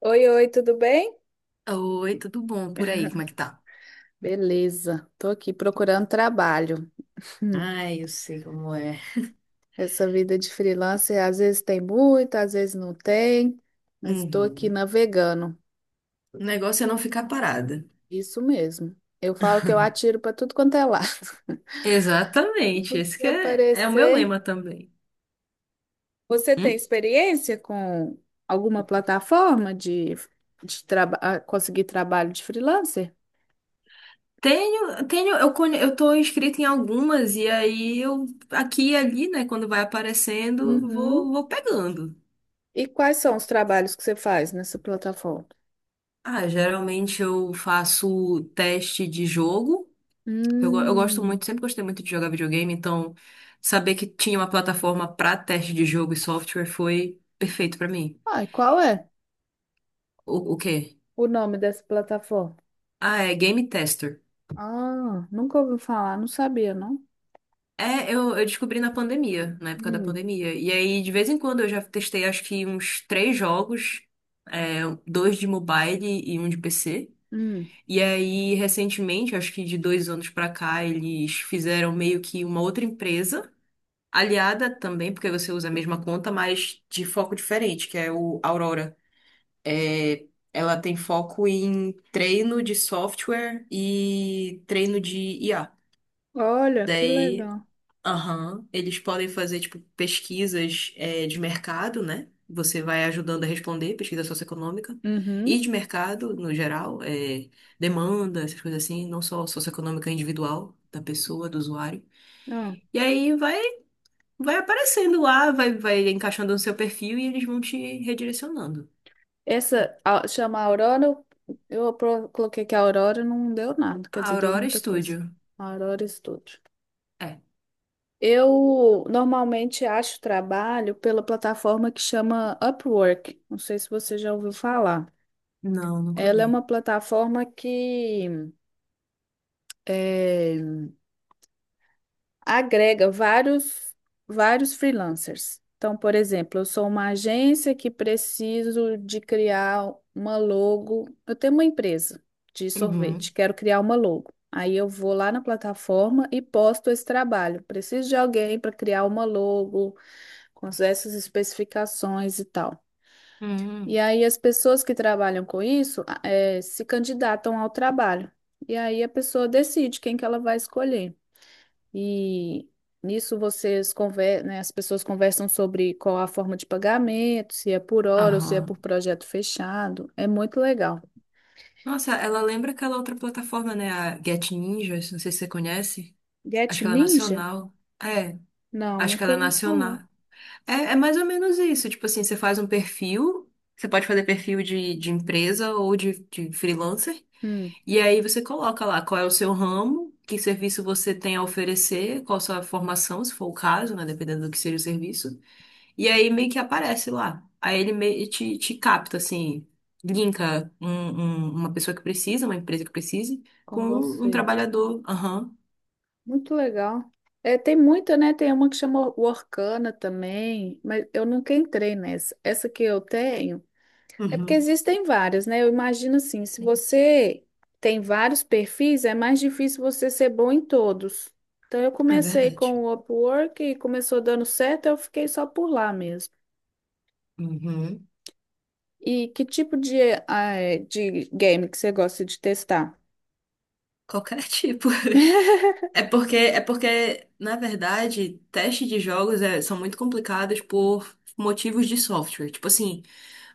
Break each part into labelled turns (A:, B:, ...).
A: Oi, oi, tudo bem?
B: Oi, tudo bom por aí? Como é que tá?
A: Beleza, tô aqui procurando trabalho. Hum.
B: Ai, eu sei como é.
A: Essa vida de freelancer às vezes tem muito, às vezes não tem, mas estou aqui
B: Uhum.
A: navegando.
B: O negócio é não ficar parada.
A: Isso mesmo. Eu falo que eu atiro para tudo quanto é lado.
B: Exatamente, esse
A: Se
B: que é, é o meu
A: aparecer,
B: lema também.
A: você tem
B: Hum?
A: experiência com alguma plataforma de conseguir trabalho de freelancer?
B: Tenho, tenho, eu tô inscrita em algumas e aí eu aqui e ali, né, quando vai aparecendo,
A: Uhum.
B: vou pegando.
A: E quais são os trabalhos que você faz nessa plataforma?
B: Ah, geralmente eu faço teste de jogo. Eu gosto muito,
A: Hum.
B: sempre gostei muito de jogar videogame, então saber que tinha uma plataforma pra teste de jogo e software foi perfeito pra mim.
A: Ah, e qual é?
B: O quê?
A: O nome dessa plataforma.
B: Ah, é Game Tester.
A: Ah, nunca ouvi falar, não sabia, não.
B: É, eu descobri na pandemia, na época da
A: Hum,
B: pandemia. E aí, de vez em quando, eu já testei acho que uns três jogos, é, dois de mobile e um de PC.
A: hum.
B: E aí, recentemente, acho que de dois anos pra cá, eles fizeram meio que uma outra empresa, aliada também, porque você usa a mesma conta, mas de foco diferente, que é o Aurora. É, ela tem foco em treino de software e treino de IA.
A: Olha, que
B: Daí.
A: legal.
B: Aham. Eles podem fazer, tipo, pesquisas, é, de mercado, né? Você vai ajudando a responder, pesquisa socioeconômica. E
A: Uhum.
B: de mercado, no geral, é, demanda, essas coisas assim, não só socioeconômica individual da pessoa, do usuário.
A: Ah,
B: E aí vai, aparecendo lá, vai encaixando no seu perfil e eles vão te redirecionando.
A: essa chama Aurora, eu coloquei que a Aurora não deu nada, quer dizer, deu
B: Aurora
A: muita coisa.
B: Studio.
A: Aurora Studio.
B: É.
A: Eu normalmente acho trabalho pela plataforma que chama Upwork. Não sei se você já ouviu falar.
B: Não, nunca
A: Ela é
B: vi.
A: uma plataforma que é, agrega vários freelancers. Então, por exemplo, eu sou uma agência que preciso de criar uma logo. Eu tenho uma empresa de
B: Uhum.
A: sorvete, quero criar uma logo. Aí eu vou lá na plataforma e posto esse trabalho. Preciso de alguém para criar uma logo com essas especificações e tal. E
B: Hum.
A: aí as pessoas que trabalham com isso, se candidatam ao trabalho. E aí a pessoa decide quem que ela vai escolher. E nisso vocês né, as pessoas conversam sobre qual a forma de pagamento, se é por hora ou se é por
B: Aham.
A: projeto fechado. É muito legal.
B: Nossa, ela lembra aquela outra plataforma, né? A Get Ninjas, não sei se você conhece.
A: Get
B: Acho que ela é
A: Ninja?
B: nacional. É,
A: Não,
B: acho que
A: nunca
B: ela é
A: ouvi falar.
B: nacional. É, é mais ou menos isso. Tipo assim, você faz um perfil, você pode fazer perfil de, empresa ou de freelancer,
A: Hum,
B: e aí você coloca lá qual é o seu ramo, que serviço você tem a oferecer, qual a sua formação, se for o caso, né? Dependendo do que seja o serviço. E aí meio que aparece lá. Aí ele meio te capta, assim, linka uma pessoa que precisa, uma empresa que precise, com
A: com
B: um
A: você.
B: trabalhador. Aham.
A: Muito legal. É, tem muita, né? Tem uma que chama Workana também, mas eu nunca entrei nessa. Essa que eu tenho. É porque
B: Uhum.
A: existem várias, né? Eu imagino assim, se você tem vários perfis, é mais difícil você ser bom em todos. Então eu
B: É
A: comecei
B: verdade.
A: com o Upwork e começou dando certo, eu fiquei só por lá mesmo.
B: Uhum.
A: E que tipo de game que você gosta de testar?
B: Qualquer tipo. É porque, na verdade, testes de jogos são muito complicados por motivos de software. Tipo assim,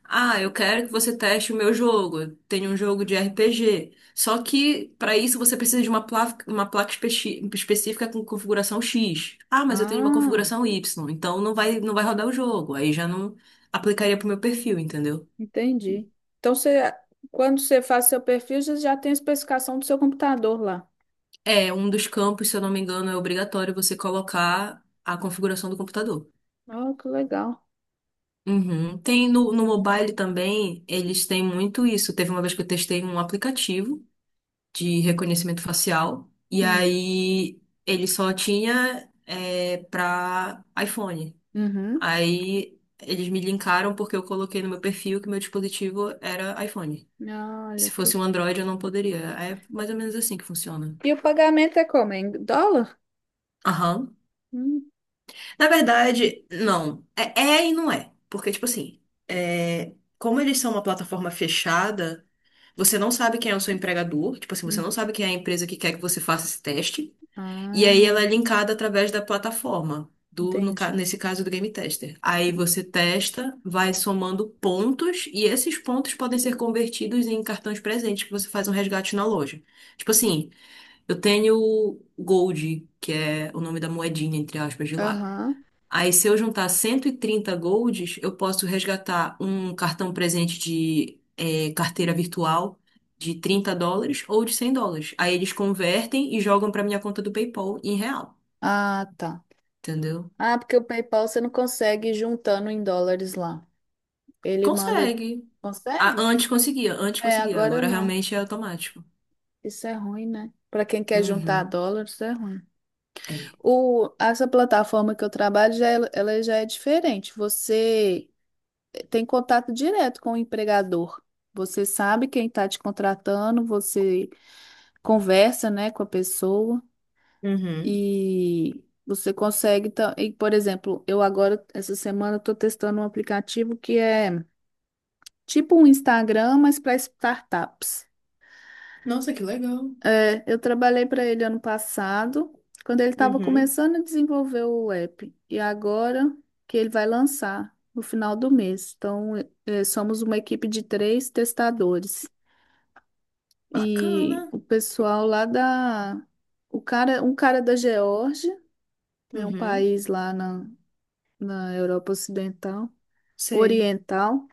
B: ah, eu quero que você teste o meu jogo. Eu tenho um jogo de RPG. Só que, para isso, você precisa de uma placa específica com configuração X. Ah, mas eu tenho uma
A: Ah,
B: configuração Y. Então, não vai rodar o jogo. Aí já não aplicaria pro meu perfil, entendeu?
A: entendi. Então você, quando você faz seu perfil, você já tem a especificação do seu computador lá.
B: É, um dos campos, se eu não me engano, é obrigatório você colocar a configuração do computador.
A: Oh, que legal.
B: Uhum. Tem no mobile também, eles têm muito isso. Teve uma vez que eu testei um aplicativo de reconhecimento facial, e
A: Hum.
B: aí ele só tinha para iPhone.
A: Uhum.
B: Aí eles me linkaram porque eu coloquei no meu perfil que meu dispositivo era iPhone.
A: Olha
B: Se
A: que.
B: fosse um Android, eu não poderia. É mais ou menos assim que funciona.
A: E o pagamento é como? Em dólar?
B: Aham.
A: Hum.
B: Na verdade, não. É, é e não é. Porque, tipo assim, é, como eles são uma plataforma fechada. Você não sabe quem é o seu empregador, tipo assim, você não sabe quem é a empresa que quer que você faça esse teste. E aí
A: Ah,
B: ela é linkada através da plataforma, do, no ca-
A: entendi.
B: nesse caso do Game Tester. Aí você testa, vai somando pontos, e esses pontos podem ser convertidos em cartões presentes que você faz um resgate na loja. Tipo assim, eu tenho Gold, que é o nome da moedinha, entre aspas, de lá.
A: Aham.
B: Aí, se eu juntar 130 golds, eu posso resgatar um cartão presente de carteira virtual de 30 dólares ou de 100 dólares. Aí eles convertem e jogam para minha conta do PayPal em real,
A: Ah, tá.
B: entendeu?
A: Ah, porque o PayPal você não consegue ir juntando em dólares lá. Ele manda.
B: Consegue. Ah,
A: Consegue?
B: antes conseguia, antes
A: É,
B: conseguia.
A: agora
B: Agora
A: não.
B: realmente é automático.
A: Isso é ruim, né? Para quem quer juntar
B: Uhum.
A: dólares, é ruim.
B: É.
A: O, essa plataforma que eu trabalho, já, ela já é diferente. Você tem contato direto com o empregador. Você sabe quem está te contratando, você conversa, né, com a pessoa.
B: Uhum.
A: E você consegue. E, por exemplo, eu agora, essa semana, estou testando um aplicativo que é tipo um Instagram, mas para startups.
B: Nossa, que legal.
A: É, eu trabalhei para ele ano passado, quando ele estava
B: Uhum.
A: começando a desenvolver o app. E agora que ele vai lançar no final do mês. Então, somos uma equipe de três testadores. E
B: Bacana.
A: o pessoal lá da. O cara, um cara da Geórgia, né, um
B: Uhum.
A: país lá na Europa Ocidental,
B: Sei.
A: Oriental,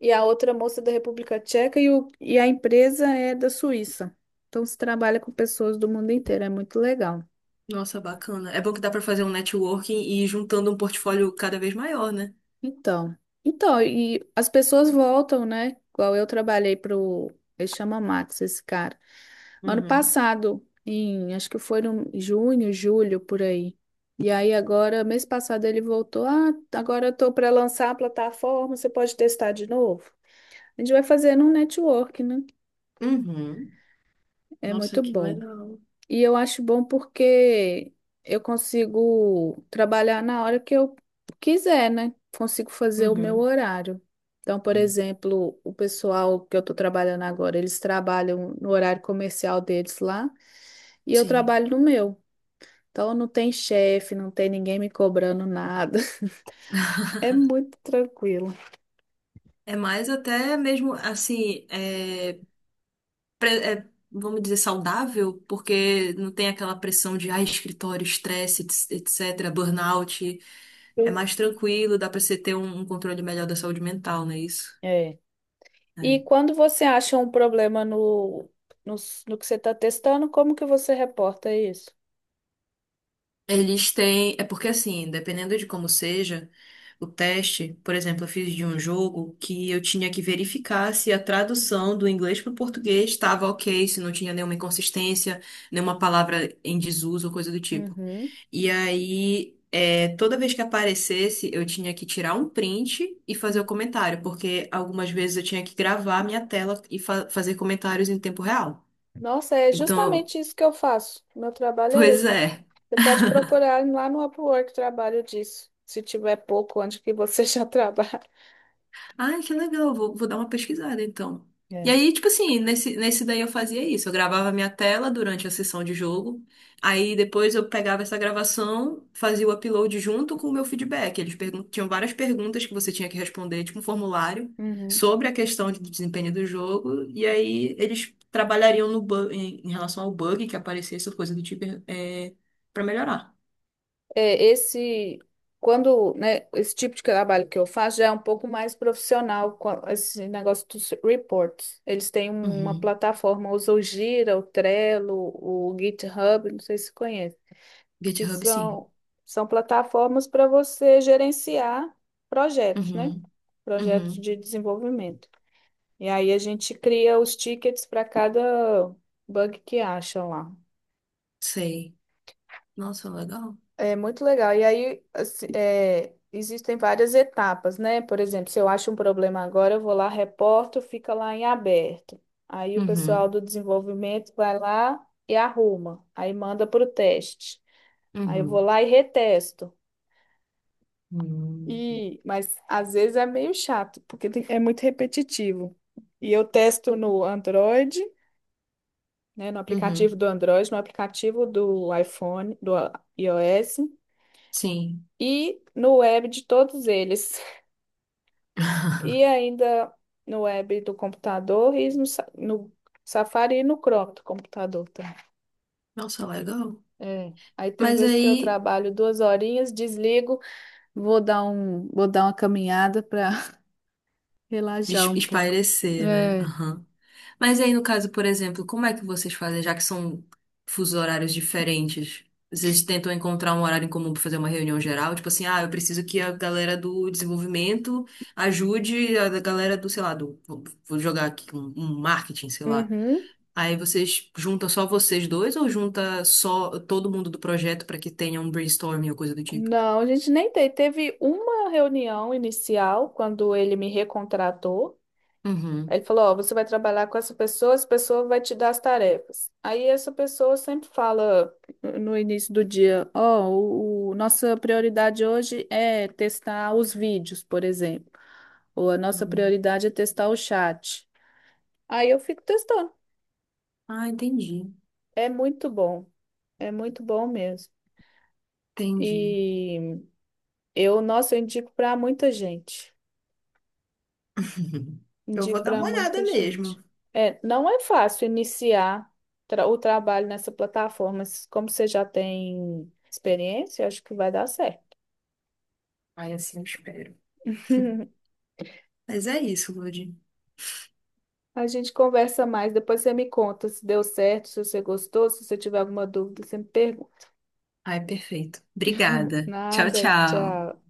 A: e a outra moça da República Tcheca e a empresa é da Suíça. Então se trabalha com pessoas do mundo inteiro, é muito legal.
B: Nossa, bacana. É bom que dá para fazer um networking e ir juntando um portfólio cada vez maior, né?
A: Então, e as pessoas voltam, né? Igual eu trabalhei para o, ele chama Max, esse cara. Ano
B: Uhum.
A: passado, em, acho que foi em junho, julho, por aí. E aí agora, mês passado ele voltou, ah, agora eu tô para lançar a plataforma, você pode testar de novo. A gente vai fazendo um network, né?
B: Uhum.
A: É
B: Nossa,
A: muito
B: que
A: bom.
B: legal.
A: E eu acho bom porque eu consigo trabalhar na hora que eu quiser, né? Consigo fazer o meu
B: Uhum.
A: horário. Então, por exemplo, o pessoal que eu estou trabalhando agora, eles trabalham no horário comercial deles lá e eu
B: Sim.
A: trabalho no meu. Então, não tem chefe, não tem ninguém me cobrando nada. É muito tranquilo.
B: É mais até mesmo assim, vamos dizer, saudável, porque não tem aquela pressão de escritório, estresse, etc, etc, burnout. É
A: Sim.
B: mais tranquilo, dá pra você ter um, controle melhor da saúde mental, não é isso?
A: É. E
B: É.
A: quando você acha um problema no, no que você está testando, como que você reporta isso?
B: Eles têm. É porque assim, dependendo de como seja o teste, por exemplo, eu fiz de um jogo que eu tinha que verificar se a tradução do inglês para o português estava ok, se não tinha nenhuma inconsistência, nenhuma palavra em desuso ou coisa do tipo.
A: Uhum.
B: E aí, toda vez que aparecesse, eu tinha que tirar um print e fazer o
A: Hum.
B: comentário, porque algumas vezes eu tinha que gravar a minha tela e fazer comentários em tempo real.
A: Nossa, é
B: Então,
A: justamente isso que eu faço. Meu trabalho é
B: pois
A: esse.
B: é.
A: Você pode procurar lá no Upwork trabalho disso, se tiver pouco, onde que você já trabalha.
B: Ai, que legal, vou dar uma pesquisada então. E
A: É.
B: aí, tipo assim, nesse daí eu fazia isso. Eu gravava minha tela durante a sessão de jogo. Aí depois eu pegava essa gravação, fazia o upload junto com o meu feedback. Eles tinham várias perguntas que você tinha que responder, tipo um formulário,
A: Uhum.
B: sobre a questão de desempenho do jogo. E aí eles trabalhariam no bu- em, em relação ao bug que aparecesse, ou coisa do tipo, é, para melhorar.
A: É, esse, quando, né, esse tipo de trabalho que eu faço já é um pouco mais profissional, esse negócio dos reports. Eles têm uma
B: Uhum.
A: plataforma, usam o Gira, o Trello, o GitHub, não sei se você conhece. Que
B: GitHub, sim.
A: são plataformas para você gerenciar projetos, né?
B: Uhum.
A: Projetos
B: Uhum.
A: de desenvolvimento. E aí a gente cria os tickets para cada bug que acha lá.
B: Sei. Nossa, legal.
A: É muito legal. E aí, assim, existem várias etapas, né? Por exemplo, se eu acho um problema agora, eu vou lá, reporto, fica lá em aberto. Aí o pessoal
B: Uhum,
A: do desenvolvimento vai lá e arruma. Aí manda para o teste. Aí eu vou
B: uhum,
A: lá e retesto.
B: uhum,
A: E, mas às vezes é meio chato, porque é muito repetitivo. E eu testo no Android, né, no aplicativo
B: uhum,
A: do Android, no aplicativo do iPhone, do iOS
B: sim.
A: e no web de todos eles. E ainda no web do computador e no Safari e no Chrome do computador também.
B: Nossa, legal.
A: É. Aí tem
B: Mas
A: vezes que eu
B: aí,
A: trabalho duas horinhas, desligo, vou dar uma caminhada para relaxar
B: des-
A: um pouco.
B: espairecer, né?
A: É.
B: Aham. Mas aí, no caso, por exemplo, como é que vocês fazem, já que são fusos horários diferentes? Vocês tentam encontrar um horário em comum para fazer uma reunião geral? Tipo assim, ah, eu preciso que a galera do desenvolvimento ajude a galera do, sei lá, do, vou jogar aqui um, marketing, sei lá.
A: Uhum.
B: Aí vocês juntam só vocês dois ou junta só todo mundo do projeto para que tenha um brainstorming ou coisa do tipo?
A: Não, a gente nem teve. Teve uma reunião inicial quando ele me recontratou. Aí
B: Uhum.
A: ele falou: Ó, você vai trabalhar com essa pessoa vai te dar as tarefas. Aí essa pessoa sempre fala no início do dia: Ó, nossa prioridade hoje é testar os vídeos, por exemplo. Ou a nossa
B: Hum.
A: prioridade é testar o chat. Aí eu fico testando.
B: Ah, entendi.
A: É muito bom. É muito bom mesmo.
B: Entendi.
A: E eu, nossa, eu indico para muita gente.
B: Eu
A: Indico
B: vou dar
A: para
B: uma olhada
A: muita
B: mesmo.
A: gente. É, não é fácil iniciar o trabalho nessa plataforma, mas como você já tem experiência, eu acho que vai dar certo.
B: Aí assim eu espero. Mas é isso, Lud.
A: A gente conversa mais, depois você me conta se deu certo, se você gostou, se você tiver alguma dúvida, você me pergunta.
B: Ai, perfeito. Obrigada. Tchau,
A: Nada,
B: tchau.
A: tchau.